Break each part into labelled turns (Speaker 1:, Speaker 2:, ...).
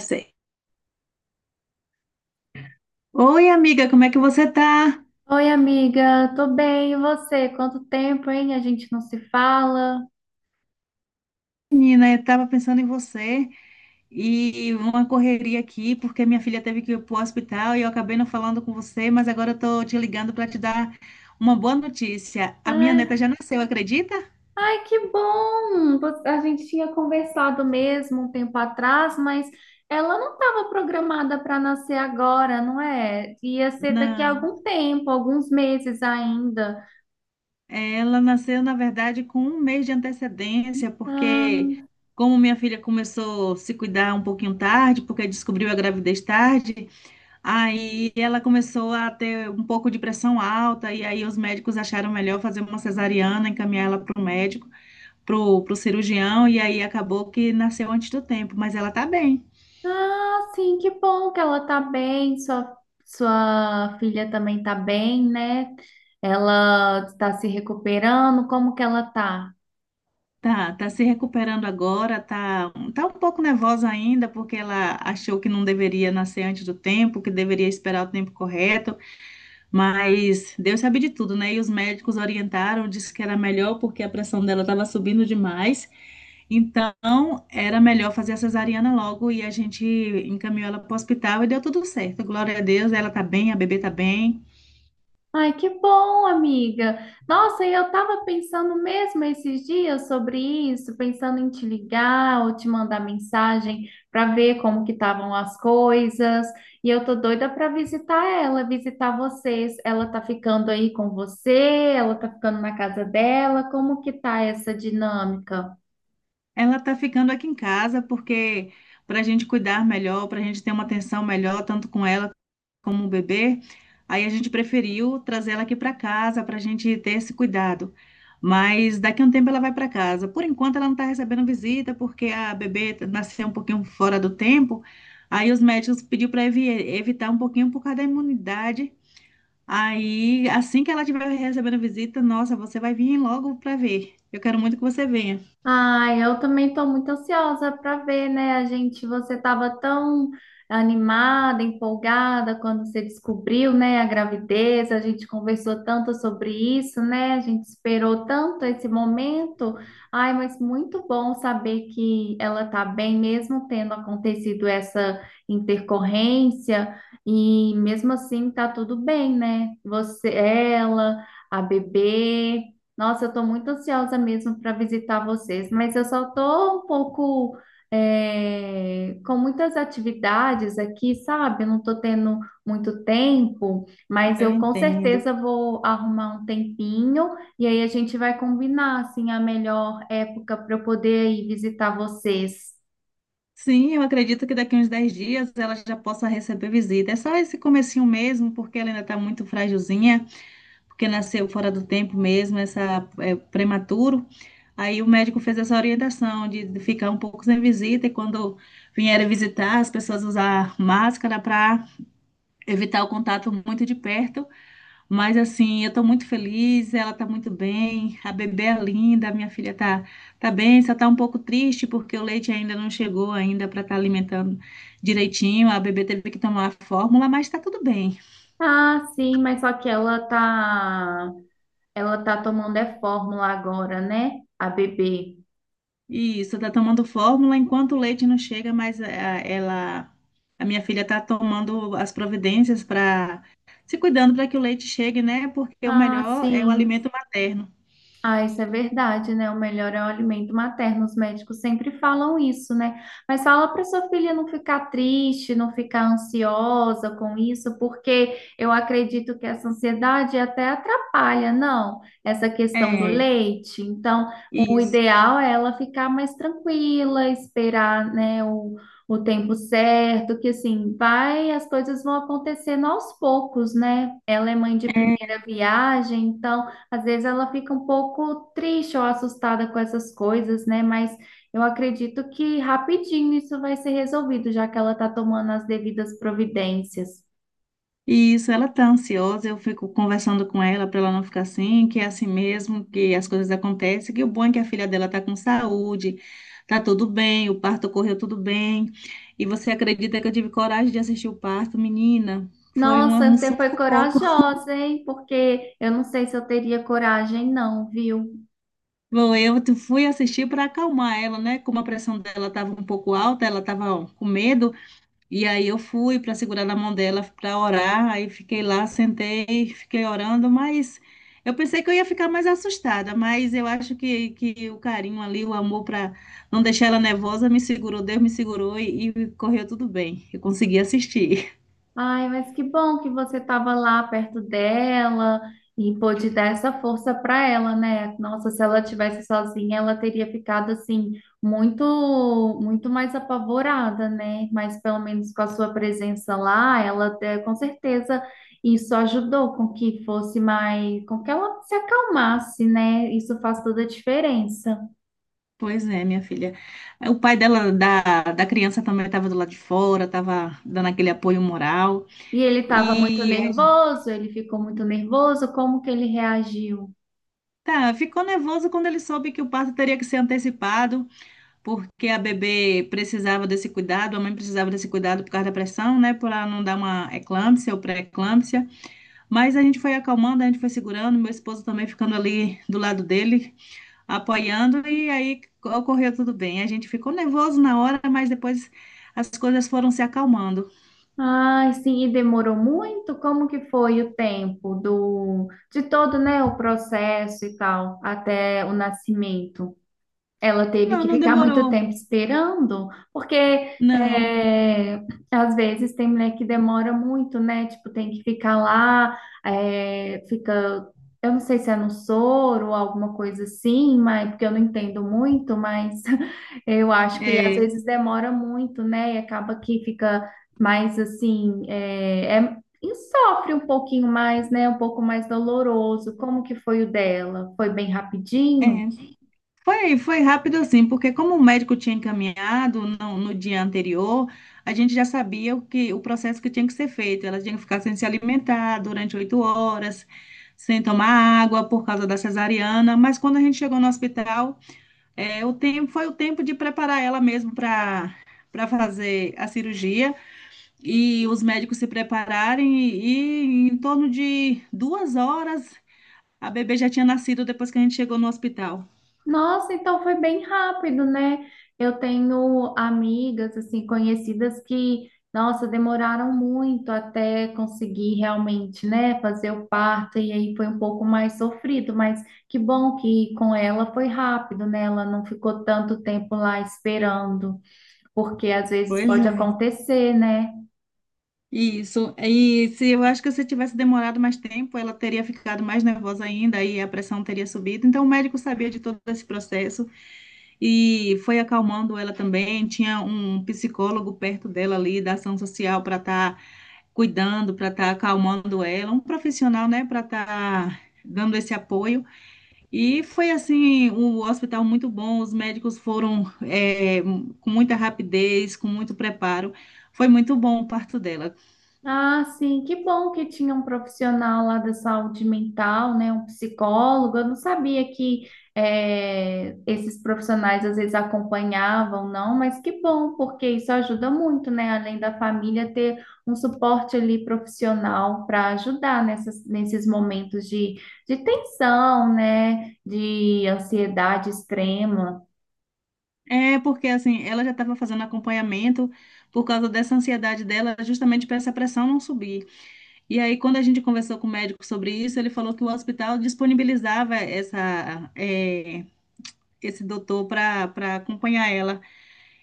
Speaker 1: Sei. Oi, amiga, como é que você tá?
Speaker 2: Oi, amiga, tô bem, e você? Quanto tempo, hein? A gente não se fala.
Speaker 1: Menina, eu tava pensando em você e uma correria aqui, porque minha filha teve que ir pro hospital e eu acabei não falando com você, mas agora eu tô te ligando para te dar uma boa notícia. A minha neta
Speaker 2: É.
Speaker 1: já nasceu, acredita?
Speaker 2: Ai, que bom! A gente tinha conversado mesmo um tempo atrás, mas ela não estava programada para nascer agora, não é? Ia ser daqui a
Speaker 1: Não,
Speaker 2: algum tempo, alguns meses ainda.
Speaker 1: ela nasceu, na verdade, com um mês de antecedência,
Speaker 2: Ah,
Speaker 1: porque como minha filha começou a se cuidar um pouquinho tarde, porque descobriu a gravidez tarde. Aí ela começou a ter um pouco de pressão alta, e aí os médicos acharam melhor fazer uma cesariana, encaminhar ela para o médico, para o cirurgião, e aí acabou que nasceu antes do tempo, mas ela tá bem.
Speaker 2: ah, sim, que bom que ela tá bem, sua filha também tá bem, né? Ela está se recuperando, como que ela tá?
Speaker 1: Tá, tá se recuperando agora, tá, tá um pouco nervosa ainda, porque ela achou que não deveria nascer antes do tempo, que deveria esperar o tempo correto, mas Deus sabe de tudo, né? E os médicos orientaram, disse que era melhor porque a pressão dela estava subindo demais. Então, era melhor fazer a cesariana logo e a gente encaminhou ela para o hospital e deu tudo certo. Glória a Deus, ela tá bem, a bebê tá bem.
Speaker 2: Ai, que bom, amiga. Nossa, e eu tava pensando mesmo esses dias sobre isso, pensando em te ligar ou te mandar mensagem para ver como que estavam as coisas. E eu tô doida para visitar ela, visitar vocês. Ela tá ficando aí com você? Ela tá ficando na casa dela? Como que tá essa dinâmica?
Speaker 1: Ela tá ficando aqui em casa porque para a gente cuidar melhor, para a gente ter uma atenção melhor, tanto com ela como um bebê, aí a gente preferiu trazer ela aqui para casa para a gente ter esse cuidado. Mas daqui a um tempo ela vai para casa. Por enquanto ela não está recebendo visita porque a bebê nasceu um pouquinho fora do tempo. Aí os médicos pediu para evitar um pouquinho por causa da imunidade. Aí assim que ela estiver recebendo visita, nossa, você vai vir logo para ver. Eu quero muito que você venha.
Speaker 2: Ai, eu também estou muito ansiosa para ver, né? A gente, você estava tão animada, empolgada quando você descobriu, né, a gravidez. A gente conversou tanto sobre isso, né? A gente esperou tanto esse momento. Ai, mas muito bom saber que ela está bem, mesmo tendo acontecido essa intercorrência. E mesmo assim, tá tudo bem, né? Você, ela, a bebê. Nossa, eu estou muito ansiosa mesmo para visitar vocês, mas eu só estou um pouco com muitas atividades aqui, sabe? Eu não estou tendo muito tempo, mas
Speaker 1: Eu
Speaker 2: eu com
Speaker 1: entendo.
Speaker 2: certeza vou arrumar um tempinho, e aí a gente vai combinar assim a melhor época para eu poder ir visitar vocês.
Speaker 1: Sim, eu acredito que daqui uns 10 dias ela já possa receber visita. É só esse comecinho mesmo, porque ela ainda está muito frágilzinha, porque nasceu fora do tempo mesmo, essa é, prematuro. Aí o médico fez essa orientação de ficar um pouco sem visita e quando vierem visitar, as pessoas usar máscara para evitar o contato muito de perto. Mas assim, eu estou muito feliz, ela está muito bem, a bebê é linda, a minha filha está, tá bem, só está um pouco triste porque o leite ainda não chegou ainda para estar alimentando direitinho. A bebê teve que tomar a fórmula, mas está tudo bem.
Speaker 2: Ah, sim, mas só que ela tá tomando é fórmula agora, né? A bebê.
Speaker 1: Isso, está tomando fórmula enquanto o leite não chega, mas ela, a minha filha está tomando as providências para se cuidando para que o leite chegue, né? Porque o
Speaker 2: Ah,
Speaker 1: melhor é o
Speaker 2: sim.
Speaker 1: alimento materno.
Speaker 2: Ah, isso é verdade, né? O melhor é o alimento materno. Os médicos sempre falam isso, né? Mas fala para sua filha não ficar triste, não ficar ansiosa com isso, porque eu acredito que essa ansiedade até atrapalha, não? Essa questão do
Speaker 1: É,
Speaker 2: leite. Então, o
Speaker 1: isso.
Speaker 2: ideal é ela ficar mais tranquila, esperar, né, o tempo certo, que assim, vai, as coisas vão acontecendo aos poucos, né? Ela é mãe de primeira viagem, então. Às vezes ela fica um pouco triste ou assustada com essas coisas, né? Mas eu acredito que rapidinho isso vai ser resolvido, já que ela está tomando as devidas providências.
Speaker 1: E isso, ela tá ansiosa, eu fico conversando com ela para ela não ficar assim, que é assim mesmo, que as coisas acontecem, que o bom é que a filha dela tá com saúde, tá tudo bem, o parto correu tudo bem. E você acredita que eu tive coragem de assistir o parto, menina? Foi um,
Speaker 2: Nossa,
Speaker 1: um
Speaker 2: você foi
Speaker 1: sufoco.
Speaker 2: corajosa, hein? Porque eu não sei se eu teria coragem, não, viu?
Speaker 1: Bom, eu fui assistir para acalmar ela, né? Como a pressão dela estava um pouco alta, ela estava com medo. E aí eu fui para segurar na mão dela para orar, aí fiquei lá, sentei, fiquei orando, mas eu pensei que eu ia ficar mais assustada, mas eu acho que o carinho ali, o amor para não deixar ela nervosa, me segurou, Deus me segurou e correu tudo bem. Eu consegui assistir.
Speaker 2: Ai, mas que bom que você estava lá perto dela e pôde dar essa força para ela, né? Nossa, se ela tivesse sozinha, ela teria ficado assim muito, muito mais apavorada, né? Mas pelo menos com a sua presença lá, ela com certeza isso ajudou com que fosse mais, com que ela se acalmasse, né? Isso faz toda a diferença.
Speaker 1: Pois é, minha filha. O pai dela, da criança também estava do lado de fora, estava dando aquele apoio moral.
Speaker 2: E ele estava muito
Speaker 1: E a gente-
Speaker 2: nervoso, ele ficou muito nervoso, como que ele reagiu?
Speaker 1: tá, ficou nervoso quando ele soube que o parto teria que ser antecipado, porque a bebê precisava desse cuidado, a mãe precisava desse cuidado por causa da pressão, né? Por ela não dar uma eclâmpsia ou pré-eclâmpsia. Mas a gente foi acalmando, a gente foi segurando, meu esposo também ficando ali do lado dele, apoiando, e aí ocorreu tudo bem. A gente ficou nervoso na hora, mas depois as coisas foram se acalmando.
Speaker 2: Ai, sim, e demorou muito? Como que foi o tempo do de todo, né, o processo e tal, até o nascimento? Ela teve que
Speaker 1: Não, não
Speaker 2: ficar muito
Speaker 1: demorou.
Speaker 2: tempo esperando, porque
Speaker 1: Não.
Speaker 2: às vezes tem mulher que demora muito, né? Tipo, tem que ficar lá, é, fica, eu não sei se é no soro ou alguma coisa assim, mas porque eu não entendo muito, mas eu acho que às
Speaker 1: É,
Speaker 2: vezes demora muito, né? E acaba que fica mais assim, e sofre um pouquinho mais, né? Um pouco mais doloroso. Como que foi o dela? Foi bem
Speaker 1: é.
Speaker 2: rapidinho?
Speaker 1: Foi, foi rápido assim, porque como o médico tinha encaminhado no dia anterior, a gente já sabia o processo que tinha que ser feito. Ela tinha que ficar sem se alimentar durante 8 horas, sem tomar água por causa da cesariana. Mas quando a gente chegou no hospital, é, o tempo foi o tempo de preparar ela mesmo para fazer a cirurgia e os médicos se prepararem e em torno de 2 horas a bebê já tinha nascido depois que a gente chegou no hospital.
Speaker 2: Nossa, então foi bem rápido, né? Eu tenho amigas, assim, conhecidas que, nossa, demoraram muito até conseguir realmente, né, fazer o parto, e aí foi um pouco mais sofrido, mas que bom que com ela foi rápido, né? Ela não ficou tanto tempo lá esperando, porque às vezes
Speaker 1: Pois
Speaker 2: pode
Speaker 1: é.
Speaker 2: acontecer, né?
Speaker 1: Isso. E se eu acho que se tivesse demorado mais tempo, ela teria ficado mais nervosa ainda e a pressão teria subido. Então, o médico sabia de todo esse processo e foi acalmando ela também. Tinha um psicólogo perto dela ali, da ação social, para estar cuidando, para estar acalmando ela, um profissional, né, para estar dando esse apoio. E foi assim, o hospital muito bom, os médicos foram, com muita rapidez, com muito preparo. Foi muito bom o parto dela.
Speaker 2: Ah, sim, que bom que tinha um profissional lá da saúde mental, né? Um psicólogo. Eu não sabia que esses profissionais às vezes acompanhavam, não, mas que bom, porque isso ajuda muito, né? Além da família ter um suporte ali profissional para ajudar nesses momentos de tensão, né? De ansiedade extrema.
Speaker 1: É, porque assim, ela já estava fazendo acompanhamento por causa dessa ansiedade dela, justamente para essa pressão não subir. E aí, quando a gente conversou com o médico sobre isso, ele falou que o hospital disponibilizava esse doutor para acompanhar ela.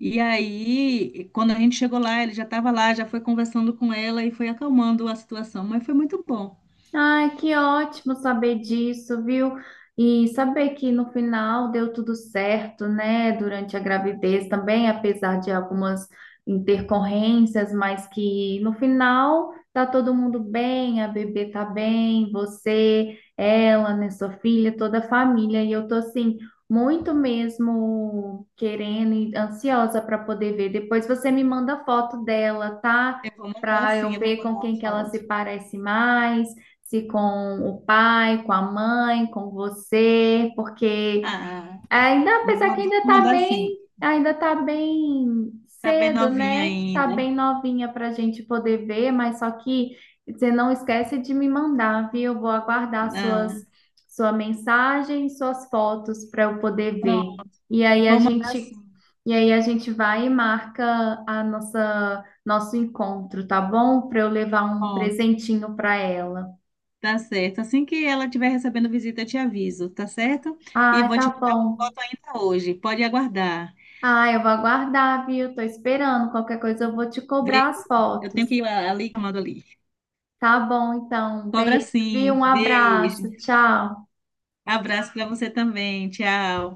Speaker 1: E aí, quando a gente chegou lá, ele já estava lá, já foi conversando com ela e foi acalmando a situação. Mas foi muito bom.
Speaker 2: Ai, que ótimo saber disso, viu? E saber que no final deu tudo certo, né? Durante a gravidez também, apesar de algumas intercorrências, mas que no final tá todo mundo bem, a bebê tá bem, você, ela, né, sua filha, toda a família. E eu tô assim, muito mesmo querendo e ansiosa para poder ver. Depois você me manda foto dela, tá?
Speaker 1: Eu vou mandar
Speaker 2: Para
Speaker 1: sim,
Speaker 2: eu
Speaker 1: eu vou
Speaker 2: ver
Speaker 1: mandar
Speaker 2: com
Speaker 1: uma
Speaker 2: quem que ela se
Speaker 1: foto.
Speaker 2: parece mais, se com o pai, com a mãe, com você, porque
Speaker 1: Ah,
Speaker 2: ainda, apesar que
Speaker 1: vou mandar sim.
Speaker 2: ainda tá bem
Speaker 1: Tá bem
Speaker 2: cedo,
Speaker 1: novinha
Speaker 2: né? Tá
Speaker 1: ainda.
Speaker 2: bem novinha pra gente poder ver, mas só que você não esquece de me mandar, viu? Eu vou aguardar suas
Speaker 1: Ah,
Speaker 2: sua mensagem, e suas fotos para eu poder
Speaker 1: pronto.
Speaker 2: ver. E aí a
Speaker 1: Vou mandar sim,
Speaker 2: gente e aí a gente vai e marca a nossa nosso encontro, tá bom? Para eu levar um
Speaker 1: pronto.
Speaker 2: presentinho para ela.
Speaker 1: Tá certo. Assim que ela estiver recebendo visita, eu te aviso, tá certo? E
Speaker 2: Ai,
Speaker 1: vou
Speaker 2: tá
Speaker 1: te mandar
Speaker 2: bom.
Speaker 1: uma foto ainda hoje. Pode aguardar.
Speaker 2: Ai, eu vou aguardar, viu? Tô esperando. Qualquer coisa eu vou te
Speaker 1: Vê,
Speaker 2: cobrar as
Speaker 1: eu
Speaker 2: fotos.
Speaker 1: tenho que ir ali, chamando ali.
Speaker 2: Tá bom, então.
Speaker 1: Cobra
Speaker 2: Beijo, viu?
Speaker 1: sim.
Speaker 2: Um
Speaker 1: Beijo.
Speaker 2: abraço. Tchau.
Speaker 1: Abraço para você também. Tchau.